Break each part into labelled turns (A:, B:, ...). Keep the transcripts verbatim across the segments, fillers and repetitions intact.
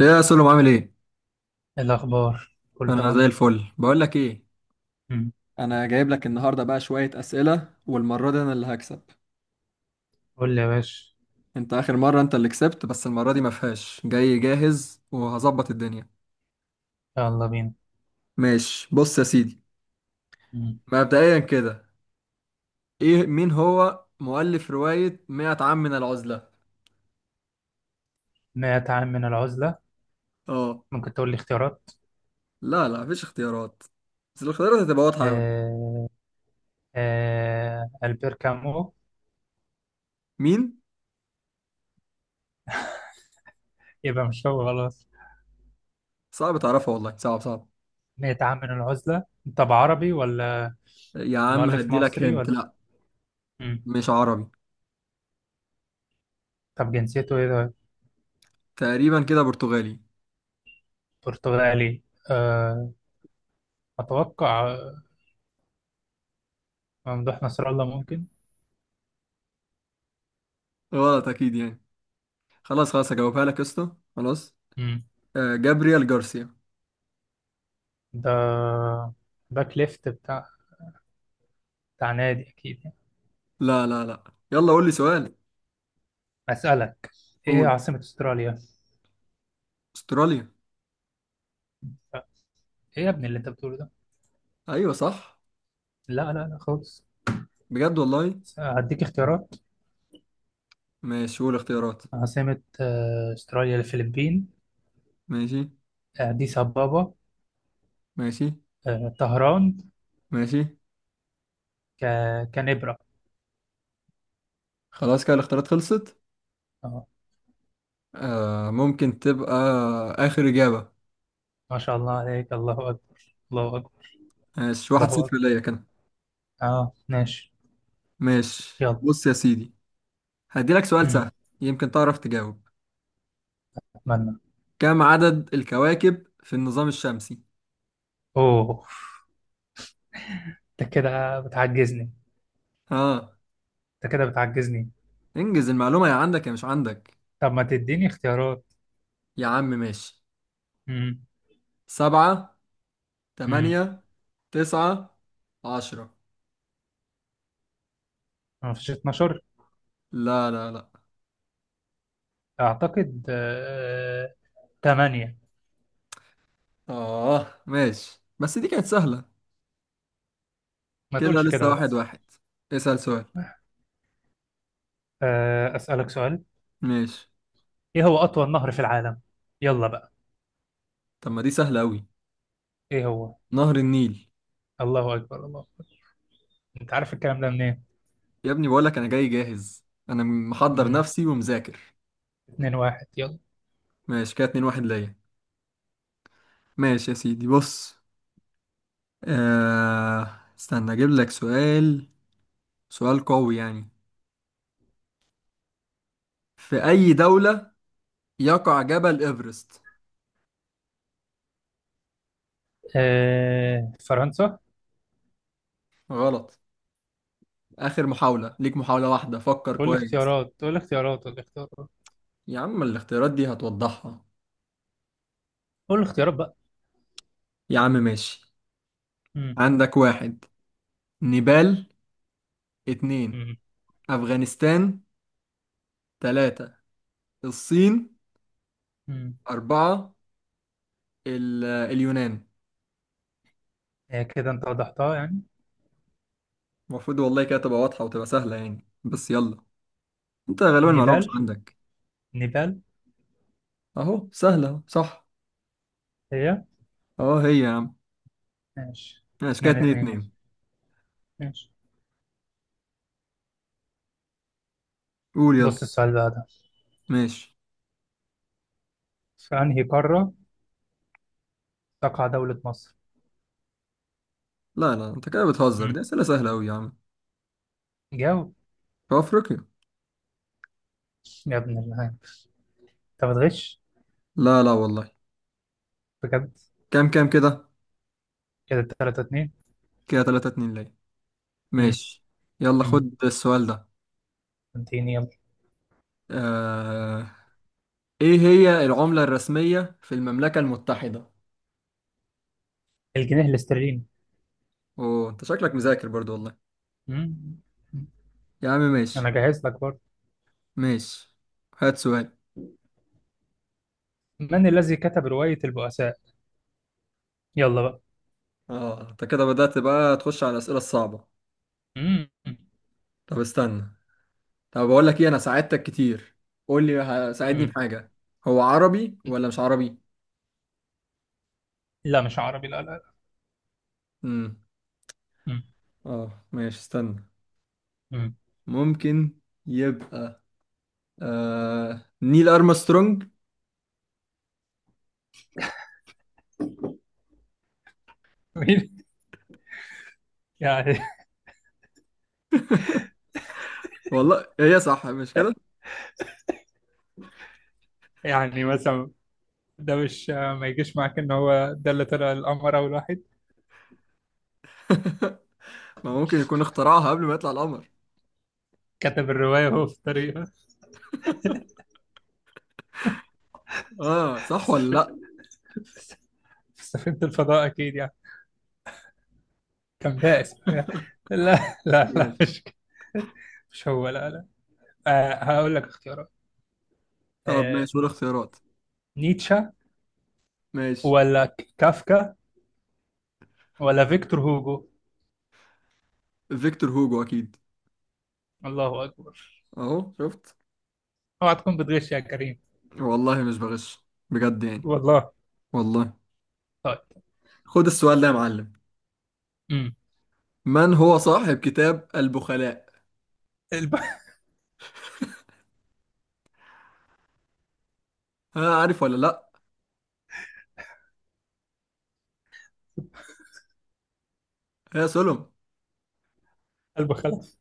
A: ايه يا سلم، عامل ايه؟
B: إيه الأخبار؟ كله
A: انا زي
B: تمام؟
A: الفل. بقول لك ايه،
B: مم.
A: انا جايب لك النهارده بقى شويه اسئله والمره دي انا اللي هكسب.
B: قول لي يا باشا.
A: انت اخر مره انت اللي كسبت، بس المره دي ما فيهاش، جاي جاهز وهظبط الدنيا.
B: يلا بينا.
A: ماشي، بص يا سيدي،
B: مم.
A: مبدئيا كده، ايه مين هو مؤلف روايه مية عام من العزله؟
B: مائة عام من العزلة.
A: اه.
B: ممكن تقول لي اختيارات؟
A: لا لا، مفيش اختيارات، بس الاختيارات هتبقى واضحه قوي.
B: آه. آه، ألبير كامو.
A: مين؟
B: يبقى مش هو خلاص.
A: صعب تعرفها والله، صعب صعب.
B: مية عام من العزلة. طب عربي ولا
A: يا عم
B: مؤلف
A: هدي لك،
B: مصري
A: هنت.
B: ولا؟
A: لا
B: مم.
A: مش عربي.
B: طب جنسيته إيه ده؟
A: تقريبا كده برتغالي.
B: برتغالي؟ آه. أتوقع آه، ممدوح نصر الله ممكن.
A: غلط اكيد يعني. خلاص خلاص، هجاوبها لك يا اسطى. خلاص.
B: مم.
A: آه جابريال جارسيا.
B: ده باك ليفت بتاع بتاع نادي أكيد يعني.
A: لا لا لا، يلا قول لي سؤال.
B: أسألك. إيه
A: قول.
B: عاصمة أستراليا؟
A: استراليا.
B: ايه يا ابني اللي انت بتقوله ده؟
A: ايوه صح،
B: لا لا لا خالص.
A: بجد والله.
B: هديك اختيارات.
A: ماشي قول اختيارات.
B: عاصمة آه، استراليا: الفلبين،
A: ماشي.
B: آه، اديس ابابا،
A: ماشي.
B: آه، طهران،
A: ماشي.
B: ك... كانبرا.
A: خلاص كده الاختيارات خلصت.
B: اه،
A: آه ممكن تبقى اخر اجابة.
B: ما شاء الله عليك، الله اكبر الله اكبر
A: ماشي، واحد
B: الله اكبر.
A: صفر ليا كان.
B: اه ماشي.
A: ماشي
B: يلا.
A: بص يا سيدي، هديلك سؤال
B: امم
A: سهل، يمكن تعرف تجاوب.
B: اتمنى.
A: كم عدد الكواكب في النظام الشمسي؟
B: اوه، انت كده بتعجزني.
A: ها؟
B: انت كده بتعجزني.
A: انجز المعلومة، يا عندك يا مش عندك.
B: طب ما تديني اختيارات؟
A: يا عم ماشي.
B: امم
A: سبعة.
B: امم
A: تمانية. تسعة. عشرة.
B: ما فيش اثنا عشر؟
A: لا لا لا.
B: اعتقد آه... تمانية.
A: آه ماشي بس دي كانت سهلة.
B: ما
A: كده
B: تقولش كده
A: لسه واحد
B: بس.
A: واحد. اسأل سؤال.
B: آه، اسالك سؤال.
A: ماشي.
B: ايه هو اطول نهر في العالم؟ يلا بقى.
A: طب ما دي سهلة أوي.
B: ايه هو؟
A: نهر النيل.
B: الله اكبر الله اكبر. انت عارف الكلام ده منين؟
A: يا ابني بقولك أنا جاي جاهز، أنا محضر
B: مم.
A: نفسي ومذاكر.
B: اتنين واحد، يلا.
A: ماشي كده اتنين واحد ليا. ماشي يا سيدي بص. آه... استنى أجيب لك سؤال. سؤال قوي يعني. في أي دولة يقع جبل إيفرست؟
B: آه، فرنسا.
A: غلط. آخر محاولة ليك، محاولة واحدة، فكر
B: قول لي
A: كويس.
B: اختيارات، قول لي اختيارات، قول لي اختيارات.
A: يا عم الاختيارات دي هتوضحها.
B: قول لي اختيارات بقى.
A: يا عم ماشي.
B: مم.
A: عندك واحد، نيبال. اتنين،
B: مم.
A: أفغانستان. تلاتة، الصين.
B: مم.
A: أربعة، ال- اليونان.
B: آه، كده انت وضحتها يعني.
A: المفروض والله كده تبقى واضحة وتبقى سهلة يعني، بس يلا. انت غالبا المعلومة مش
B: نيبال.
A: عندك.
B: نيبال.
A: اهو سهلة أهو، صح.
B: هي.
A: اهو هي يا عم.
B: ماشي،
A: ماشي كده
B: اتنين
A: اتنين
B: اتنين.
A: اتنين.
B: ماشي،
A: قول يلا.
B: بص السؤال بقى ده.
A: ماشي.
B: في انهي قارة تقع دولة مصر؟
A: لا لا، انت كده بتهزر،
B: مم.
A: دي أسئلة سهلة أوي يا عم.
B: جاوب.
A: في أفريقيا.
B: يا ابن الله، انت بتغش!
A: لا لا والله.
B: بجد!
A: كام كام كده؟
B: كده تلاتة اتنين.
A: كده تلاتة اتنين ليا.
B: مم.
A: ماشي يلا،
B: مم.
A: خد السؤال ده.
B: اديني يلا.
A: آه... ايه هي العملة الرسمية في المملكة المتحدة؟
B: الجنيه الاسترليني.
A: اوه انت شكلك مذاكر برضو والله.
B: مم.
A: يا عم
B: انا
A: ماشي.
B: جاهز لك برضه.
A: ماشي، هات سؤال.
B: من الذي كتب رواية البؤساء؟ يلا بقى.
A: اه انت كده بدأت بقى تخش على الأسئلة الصعبة.
B: مم.
A: طب استنى، طب بقول لك ايه، انا ساعدتك كتير، قول لي ه- ساعدني
B: مم.
A: بحاجة. هو عربي ولا مش عربي؟
B: لا مش عربي، لا لا لا.
A: امم.
B: مم.
A: اه ماشي استنى.
B: مم.
A: ممكن يبقى آه... نيل أرمسترونج.
B: مين؟ يعني.
A: والله هي صح مش كده؟
B: يعني مثلا، ده مش ما يجيش معاك ان هو ده اللي طلع القمر اول واحد؟
A: ما ممكن يكون اخترعها قبل ما يطلع القمر.
B: كتب الرواية وهو في الطريق.
A: اه صح ولا لا؟
B: في سفينة الفضاء اكيد يعني. كان بائس بقى. لا لا
A: ماشي.
B: لا، مش مش هو، لا لا. آه، هقول لك اختيارات.
A: طب
B: آه،
A: ماشي، ولا اختيارات؟
B: نيتشه؟
A: ماشي.
B: ولا ك- كافكا؟ ولا فيكتور هوجو؟
A: فيكتور هوجو اكيد.
B: الله اكبر.
A: اهو شفت.
B: اوعى تكون بتغش يا كريم!
A: والله مش بغش بجد يعني.
B: والله.
A: والله.
B: طيب.
A: خد السؤال ده يا معلم.
B: امم
A: من هو صاحب كتاب البخلاء؟
B: قلب.
A: ها عارف ولا لا؟ يا سلم.
B: قلب. خلاص.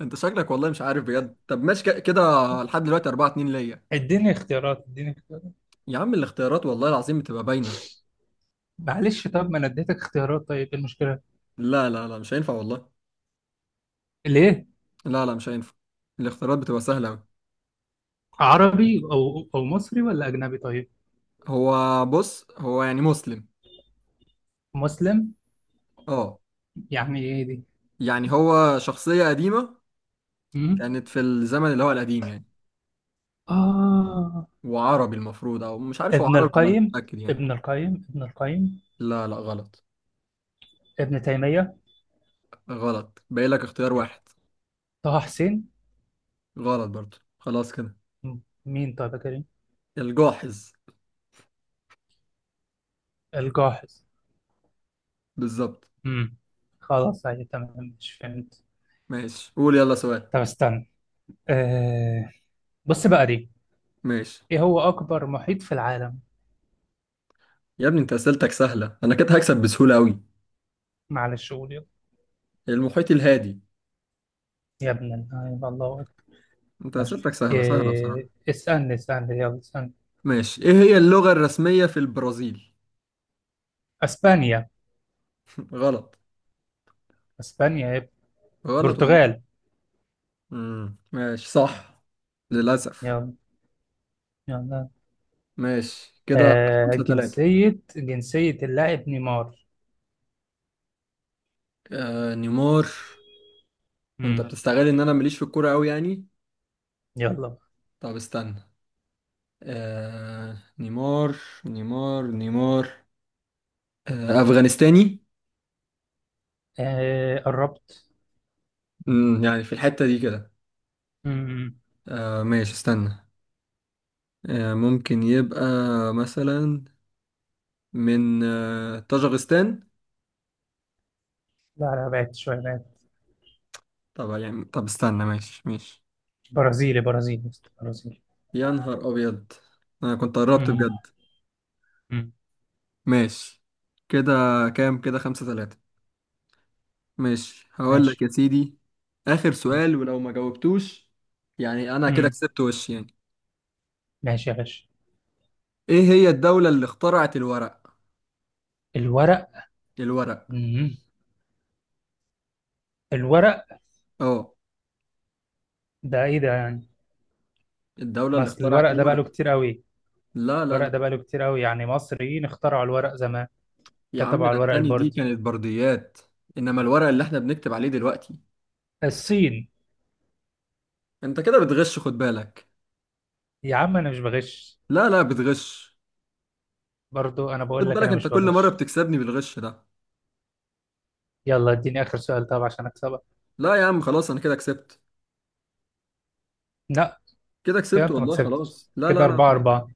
A: انت شكلك والله مش عارف بجد. طب ماشي ك- كده، لحد دلوقتي أربعة اتنين ليا.
B: اديني اختيارات، اديني اختيارات.
A: يا عم الاختيارات والله العظيم بتبقى باينة.
B: معلش، طب ما انا اديتك اختيارات، طيب ايه المشكله؟
A: لا لا لا مش هينفع والله.
B: ليه؟
A: لا لا مش هينفع. الاختيارات بتبقى سهلة أوي.
B: عربي او او مصري ولا اجنبي؟ طيب.
A: هو بص، هو يعني مسلم.
B: مسلم؟
A: اه.
B: يعني ايه دي؟
A: يعني هو شخصية قديمة،
B: امم
A: كانت في الزمن اللي هو القديم يعني.
B: اه.
A: وعربي المفروض، او مش عارف هو
B: ابن
A: عربي ولا، مش
B: القيم.
A: متأكد يعني.
B: ابن القيم. ابن القيم.
A: لا لا غلط.
B: ابن تيمية.
A: غلط، باقي لك اختيار واحد.
B: طه حسين.
A: غلط برضو، خلاص كده.
B: م- مين طيب يا كريم؟
A: الجاحظ.
B: الجاحظ؟
A: بالظبط.
B: امم خلاص عادي تمام، مش فهمت.
A: ماشي قول يلا سؤال.
B: طب استنى. أه... بص بقى دي.
A: ماشي.
B: ايه هو اكبر محيط في العالم؟
A: يا ابني انت اسئلتك سهلة، انا كده هكسب بسهولة قوي.
B: معلش، قول يلا.
A: المحيط الهادي.
B: يا ابن اللعيبة، الله اكبر.
A: انت
B: ماشي.
A: اسئلتك سهلة سهلة بصراحة.
B: إيه... اسألني اسألني يلا اسألني.
A: ماشي. ايه هي اللغة الرسمية في البرازيل؟
B: اسبانيا.
A: غلط.
B: اسبانيا يا ابني.
A: غلط.
B: برتغال.
A: امم ماشي، صح، للأسف.
B: يلا. يلا.
A: ماشي كده
B: أه...
A: خمسة تلاتة.
B: جنسية جنسية اللاعب نيمار؟
A: آه نيمار. انت
B: امم
A: بتستغل ان انا ماليش في الكورة قوي يعني.
B: يلا.
A: طب استنى. آه نيمار. نيمار نيمار آه أفغانستاني.
B: آه، قربت.
A: امم يعني في الحتة دي كده.
B: مم.
A: آه ماشي استنى. آه ممكن يبقى مثلا من آه طاجغستان.
B: لا لا، بعدت شوية، بعدت.
A: طب يعني، طب استنى، ماشي ماشي.
B: برازيلي، برازيلي يا اسطى، برازيلي.
A: يا نهار أبيض، أنا كنت قربت
B: مم.
A: بجد.
B: مم.
A: ماشي كده. كام كده؟ خمسة ثلاثة. ماشي هقول لك
B: ماشي.
A: يا سيدي، آخر
B: مم.
A: سؤال، ولو ما جاوبتوش يعني أنا كده
B: مم.
A: كسبت وش يعني.
B: ماشي يا باشا.
A: إيه هي الدولة اللي اخترعت الورق؟
B: الورق؟
A: الورق.
B: مم. الورق.
A: أه.
B: ده ايه ده يعني؟
A: الدولة اللي
B: مثل
A: اخترعت
B: الورق ده بقى له
A: الورق.
B: كتير قوي.
A: لا لا
B: الورق
A: لا،
B: ده بقى له كتير قوي يعني مصريين اخترعوا الورق زمان.
A: يا عم
B: كتبوا على
A: ده
B: الورق
A: التاني دي
B: البردي.
A: كانت برديات. إنما الورق اللي إحنا بنكتب عليه دلوقتي.
B: الصين.
A: أنت كده بتغش، خد بالك.
B: يا عم، انا مش بغش.
A: لا لا بتغش.
B: برضو انا
A: خد
B: بقول لك
A: بالك
B: انا
A: أنت،
B: مش
A: كل مرة
B: بغش.
A: بتكسبني بالغش ده.
B: يلا اديني اخر سؤال طب عشان اكسبك.
A: لا يا عم خلاص أنا كده كسبت.
B: لا.
A: كده
B: كده
A: كسبت
B: انت ما
A: والله،
B: كسبتش.
A: خلاص، لا
B: كده
A: لا لا.
B: أربعة أربعة.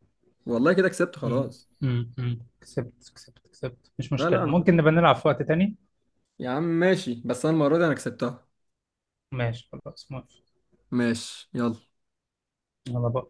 A: والله كده كسبت
B: مم.
A: خلاص.
B: مم. مم. كسبت كسبت كسبت، مش
A: لا لا
B: مشكلة،
A: انا،
B: ممكن نبقى نلعب في وقت تاني.
A: يا عم ماشي بس انا المره دي انا كسبتها.
B: ماشي خلاص موافق.
A: ماشي يلا.
B: يلا، باي.